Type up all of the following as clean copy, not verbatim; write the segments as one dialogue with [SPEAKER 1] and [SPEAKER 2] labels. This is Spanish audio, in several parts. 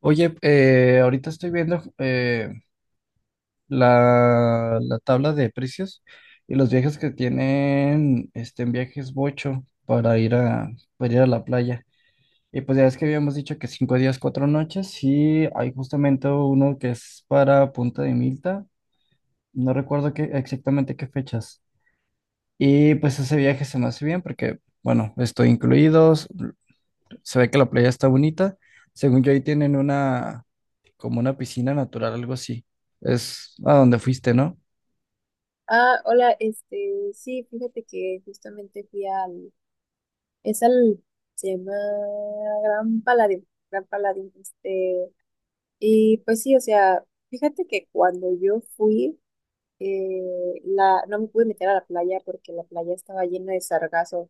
[SPEAKER 1] Oye, ahorita estoy viendo la tabla de precios y los viajes que tienen en viajes Bocho para ir a la playa. Y pues ya es que habíamos dicho que cinco días, cuatro noches, y hay justamente uno que es para Punta de Milta. No recuerdo exactamente qué fechas. Y pues ese viaje se me hace bien porque, bueno, estoy incluidos. Se ve que la playa está bonita. Según yo, ahí tienen como una piscina natural, algo así. Es a donde fuiste, ¿no?
[SPEAKER 2] Ah, hola, sí, fíjate que justamente fui al, es al, se llama Gran Palladium, Gran Palladium. Y pues sí, o sea, fíjate que cuando yo fui, no me pude meter a la playa porque la playa estaba llena de sargazo.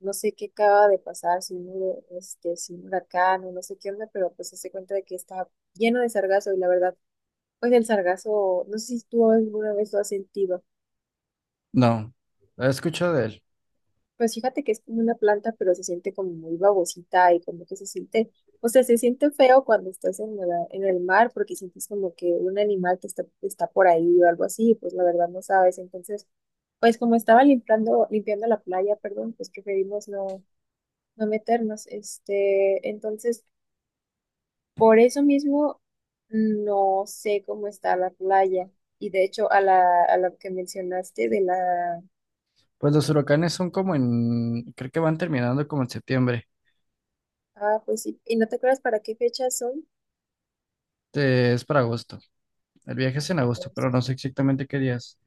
[SPEAKER 2] No sé qué acaba de pasar, si un huracán o no sé qué onda, pero pues se hace cuenta de que estaba lleno de sargazo. Y la verdad, pues el sargazo, no sé si tú alguna vez lo has sentido.
[SPEAKER 1] No, he escuchado de él.
[SPEAKER 2] Pues fíjate que es como una planta, pero se siente como muy babosita y como que se siente, o sea, se siente feo cuando estás en el mar porque sientes como que un animal que está por ahí o algo así, pues la verdad no sabes. Entonces, pues como estaba limpiando la playa, perdón, pues preferimos no, no meternos. Entonces, por eso mismo no sé cómo está la playa. Y de hecho, a la que mencionaste de la.
[SPEAKER 1] Pues los huracanes son como creo que van terminando como en septiembre.
[SPEAKER 2] Ah, pues sí, ¿y no te acuerdas para qué fechas son?
[SPEAKER 1] Es para agosto. El viaje
[SPEAKER 2] Ah,
[SPEAKER 1] es en agosto,
[SPEAKER 2] pues,
[SPEAKER 1] pero no sé exactamente qué días.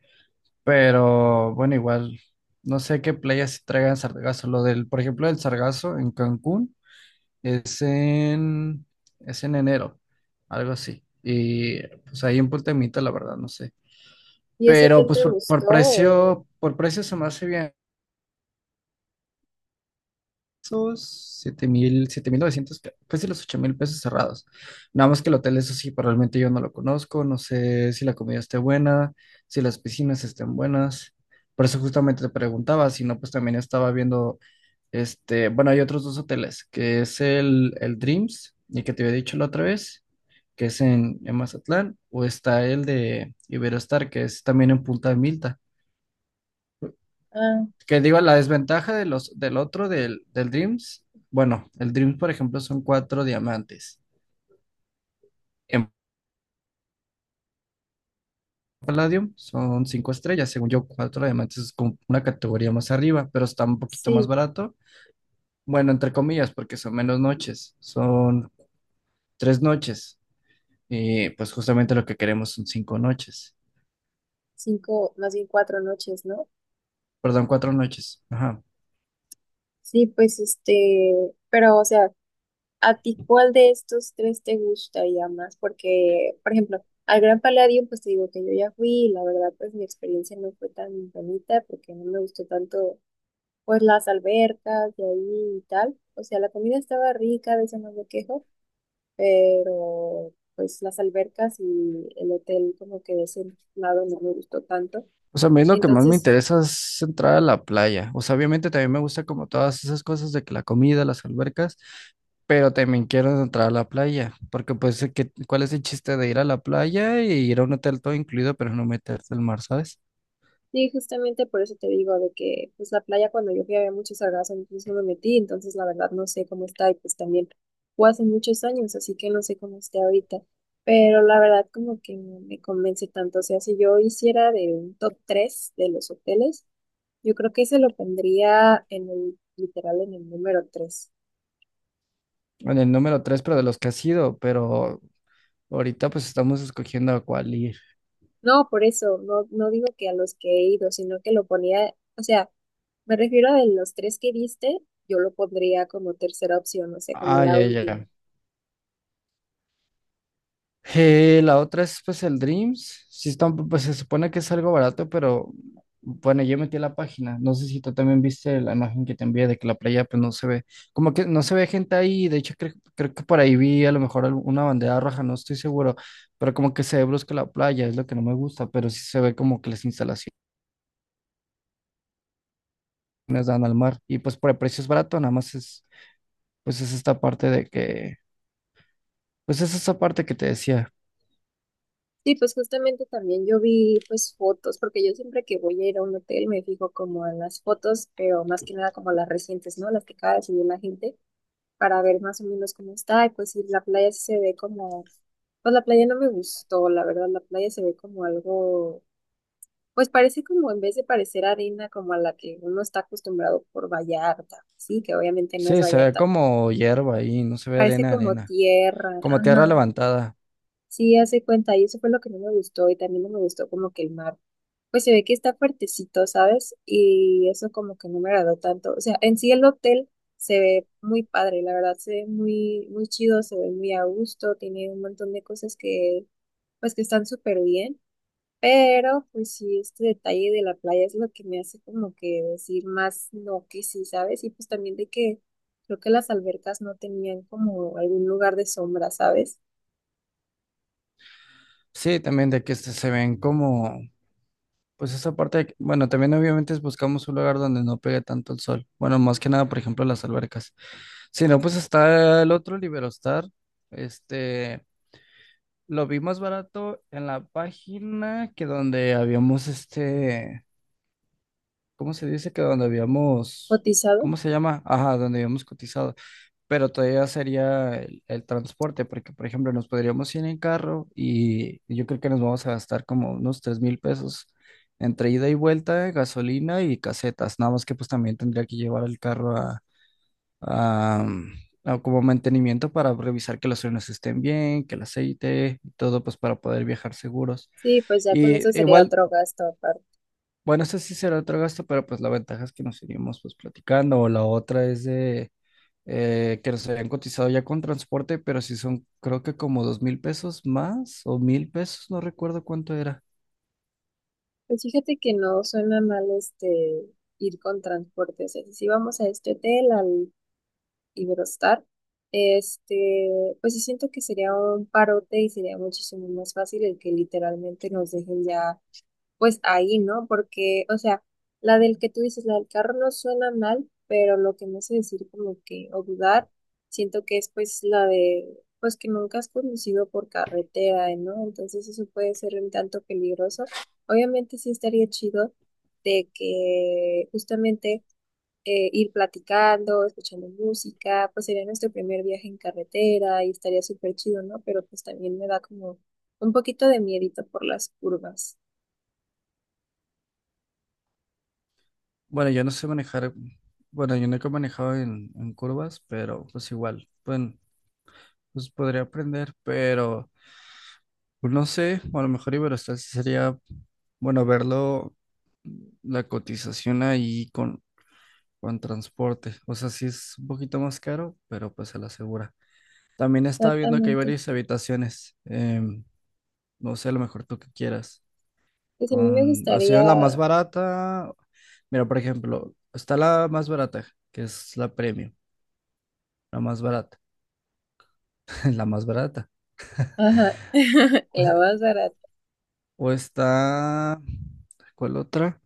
[SPEAKER 1] Pero bueno, igual, no sé qué playas se traigan sargazo. Lo del, por ejemplo, el sargazo en Cancún. Es en, es en enero, algo así. Y pues ahí en Punta Mita, la verdad, no sé.
[SPEAKER 2] ¿y ese
[SPEAKER 1] Pero
[SPEAKER 2] hotel
[SPEAKER 1] pues
[SPEAKER 2] te gustó?
[SPEAKER 1] por precio se me hace bien. Esos 7.000, 7.900, casi los $8,000 cerrados. Nada más que el hotel, eso sí, pero realmente yo no lo conozco. No sé si la comida esté buena, si las piscinas estén buenas. Por eso justamente te preguntaba, si no, pues también estaba viendo, este, bueno, hay otros dos hoteles, que es el Dreams, y que te había dicho la otra vez que es en Mazatlán, o está el de Iberostar, que es también en Punta Milta.
[SPEAKER 2] Ah,
[SPEAKER 1] Que digo, la desventaja de los, del otro, del, del Dreams, bueno, el Dreams, por ejemplo, son cuatro diamantes. En Palladium son cinco estrellas, según yo, cuatro diamantes es como una categoría más arriba, pero está un poquito más
[SPEAKER 2] sí,
[SPEAKER 1] barato. Bueno, entre comillas, porque son menos noches, son tres noches. Y pues justamente lo que queremos son cinco noches,
[SPEAKER 2] 5, más bien 4 noches, ¿no?
[SPEAKER 1] perdón, cuatro noches. Ajá.
[SPEAKER 2] Sí, pues pero o sea, ¿a ti cuál de estos tres te gustaría más? Porque, por ejemplo, al Gran Palladium, pues te digo que yo ya fui y la verdad, pues mi experiencia no fue tan bonita porque no me gustó tanto, pues las albercas de ahí y tal. O sea, la comida estaba rica, de eso no me quejo, pero pues las albercas y el hotel como que de ese lado no me gustó tanto.
[SPEAKER 1] O sea, a mí lo que más me
[SPEAKER 2] Entonces,
[SPEAKER 1] interesa es entrar a la playa. O sea, obviamente también me gusta como todas esas cosas de que la comida, las albercas, pero también quiero entrar a la playa, porque pues, ¿cuál es el chiste de ir a la playa y ir a un hotel todo incluido, pero no meterte al mar, ¿sabes?
[SPEAKER 2] sí, justamente por eso te digo de que pues la playa cuando yo fui había muchas algas, entonces no me metí, entonces la verdad no sé cómo está y pues también fue hace muchos años, así que no sé cómo esté ahorita. Pero la verdad como que no me convence tanto, o sea, si yo hiciera de un top 3 de los hoteles, yo creo que ese lo pondría en el, literal en el número 3.
[SPEAKER 1] En el número tres, pero de los que has ido, pero ahorita pues estamos escogiendo a cuál ir.
[SPEAKER 2] No, por eso, no, no digo que a los que he ido, sino que lo ponía, o sea, me refiero de los tres que diste, yo lo pondría como tercera opción, o sea, como
[SPEAKER 1] Ah,
[SPEAKER 2] la
[SPEAKER 1] ya,
[SPEAKER 2] última.
[SPEAKER 1] ya. La otra es pues el Dreams. Sí está, pues se supone que es algo barato, pero bueno, yo metí la página. No sé si tú también viste la imagen que te envié de que la playa pues no se ve, como que no se ve gente ahí. De hecho, creo que por ahí vi a lo mejor una bandera roja, no estoy seguro, pero como que se ve brusca la playa, es lo que no me gusta, pero sí se ve como que las instalaciones dan al mar. Y pues por el precio es barato, nada más es, pues es esta parte pues es esa parte que te decía.
[SPEAKER 2] Sí, pues justamente también yo vi pues fotos, porque yo siempre que voy a ir a un hotel me fijo como en las fotos, pero más que nada como las recientes, ¿no? Las que acaba de subir la gente, para ver más o menos cómo está, y pues si la playa sí se ve como, pues la playa no me gustó, la verdad, la playa se ve como algo. Pues parece como en vez de parecer arena como a la que uno está acostumbrado por Vallarta, sí, que obviamente no es
[SPEAKER 1] Sí, se ve
[SPEAKER 2] Vallarta,
[SPEAKER 1] como hierba ahí, no se ve
[SPEAKER 2] parece
[SPEAKER 1] arena,
[SPEAKER 2] como
[SPEAKER 1] arena.
[SPEAKER 2] tierra,
[SPEAKER 1] Como tierra
[SPEAKER 2] ajá,
[SPEAKER 1] levantada.
[SPEAKER 2] sí, hace cuenta, y eso fue lo que no me gustó, y también no me gustó como que el mar, pues se ve que está fuertecito, ¿sabes? Y eso como que no me agradó tanto, o sea, en sí el hotel se ve muy padre, la verdad, se ve muy, muy chido, se ve muy a gusto, tiene un montón de cosas que, pues que están súper bien. Pero pues sí, este detalle de la playa es lo que me hace como que decir más no que sí, ¿sabes? Y pues también de que creo que las albercas no tenían como algún lugar de sombra, ¿sabes?
[SPEAKER 1] Sí, también de que se ven como, pues esa parte, bueno, también obviamente buscamos un lugar donde no pegue tanto el sol. Bueno, más que nada, por ejemplo, las albercas. Si no, pues está el otro Liberostar. Este, lo vi más barato en la página que donde habíamos, este, ¿cómo se dice? Que donde habíamos,
[SPEAKER 2] Cotizado.
[SPEAKER 1] ¿cómo se llama? Ajá, donde habíamos cotizado. Pero todavía sería el transporte, porque por ejemplo nos podríamos ir en carro, y yo creo que nos vamos a gastar como unos $3,000 entre ida y vuelta, gasolina y casetas. Nada más que pues también tendría que llevar el carro a, mm, a como mantenimiento para revisar que los frenos estén bien, que el aceite y todo pues para poder viajar seguros.
[SPEAKER 2] Sí, pues ya con
[SPEAKER 1] Y
[SPEAKER 2] eso sería
[SPEAKER 1] igual,
[SPEAKER 2] otro gasto aparte.
[SPEAKER 1] bueno, ese sí será otro gasto, pero pues la ventaja es que nos iríamos pues platicando, o la otra es de que nos habían cotizado ya con transporte, pero sí son, creo que como $2,000 más, o $1,000, no recuerdo cuánto era.
[SPEAKER 2] Pues fíjate que no suena mal ir con transporte. O sea, si vamos a este hotel, al Iberostar, pues sí siento que sería un parote y sería muchísimo más fácil el que literalmente nos dejen ya pues ahí, ¿no? Porque, o sea, la del que tú dices, la del carro no suena mal, pero lo que me hace decir como que, o dudar, siento que es pues la de, pues que nunca has conducido por carretera, ¿no? Entonces eso puede ser un tanto peligroso. Obviamente sí estaría chido de que justamente ir platicando, escuchando música, pues sería nuestro primer viaje en carretera y estaría súper chido, ¿no? Pero pues también me da como un poquito de miedito por las curvas.
[SPEAKER 1] Bueno, yo no sé manejar, bueno, yo nunca he manejado en curvas, pero pues igual, bueno, pues podría aprender, pero pues, no sé, o a lo mejor Iberostar sí sería, bueno, verlo, la cotización ahí con transporte. O sea, sí es un poquito más caro, pero pues se la asegura. También estaba viendo que hay
[SPEAKER 2] Exactamente.
[SPEAKER 1] varias habitaciones. No sé, a lo mejor tú que quieras.
[SPEAKER 2] Pues a mí me
[SPEAKER 1] Con, así en la más
[SPEAKER 2] gustaría,
[SPEAKER 1] barata. Mira, por ejemplo, está la más barata, que es la premium, la más barata, la más barata.
[SPEAKER 2] ajá,
[SPEAKER 1] O
[SPEAKER 2] la
[SPEAKER 1] sea,
[SPEAKER 2] más barata.
[SPEAKER 1] o está, ¿cuál otra?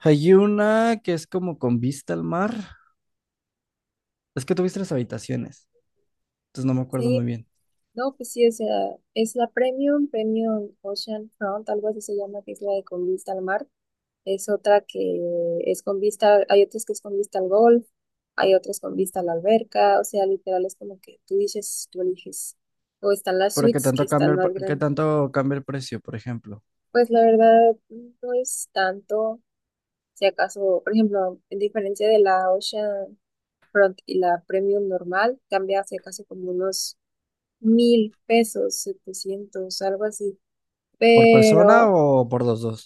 [SPEAKER 1] Hay una que es como con vista al mar. Es que tuviste las habitaciones, entonces no me acuerdo muy
[SPEAKER 2] Sí,
[SPEAKER 1] bien.
[SPEAKER 2] no, pues sí, o sea, es la Premium, Premium Ocean Front, algo así se llama, que es la de con vista al mar. Es otra que es con vista, hay otras que es con vista al golf, hay otras con vista a la alberca, o sea, literal es como que tú dices, tú eliges. O están las
[SPEAKER 1] ¿Pero qué
[SPEAKER 2] suites que
[SPEAKER 1] tanto cambia
[SPEAKER 2] están más
[SPEAKER 1] qué
[SPEAKER 2] grandes.
[SPEAKER 1] tanto cambia el precio, por ejemplo?
[SPEAKER 2] Pues la verdad, no es tanto, si acaso, por ejemplo, en diferencia de la Ocean Front y la Premium normal cambia hacia casi como unos 1,000 pesos, 700 algo así.
[SPEAKER 1] ¿Por persona
[SPEAKER 2] Pero
[SPEAKER 1] o por los dos?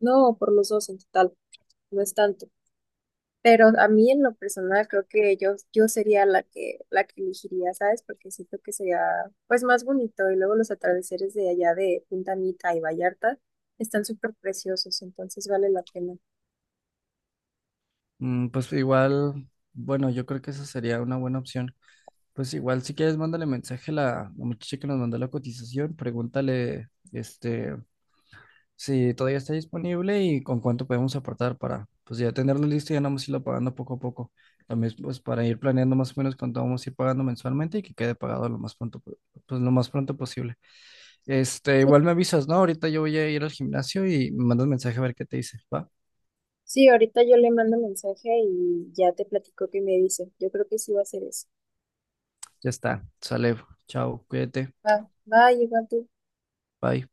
[SPEAKER 2] no, por los dos en total, no es tanto. Pero a mí en lo personal creo que yo sería la que elegiría, ¿sabes? Porque siento que sería pues más bonito y luego los atardeceres de allá de Punta Mita y Vallarta están súper preciosos, entonces vale la pena.
[SPEAKER 1] Mm, pues igual, bueno, yo creo que esa sería una buena opción. Pues igual, si quieres, mándale mensaje a la muchacha que nos mandó la cotización, pregúntale, este, si todavía está disponible y con cuánto podemos aportar para, pues ya tenerlo listo y ya nomás irlo pagando poco a poco. También, pues para ir planeando más o menos cuánto vamos a ir pagando mensualmente, y que quede pagado lo más pronto, pues lo más pronto posible. Este,
[SPEAKER 2] Sí,
[SPEAKER 1] igual me avisas, ¿no? Ahorita yo voy a ir al gimnasio y me mandas mensaje a ver qué te dice, ¿va?
[SPEAKER 2] sí, ahorita yo le mando mensaje y ya te platico qué me dice. Yo creo que sí va a ser eso.
[SPEAKER 1] Ya está, sale, chao, cuídate,
[SPEAKER 2] Va, va, igual tú.
[SPEAKER 1] bye.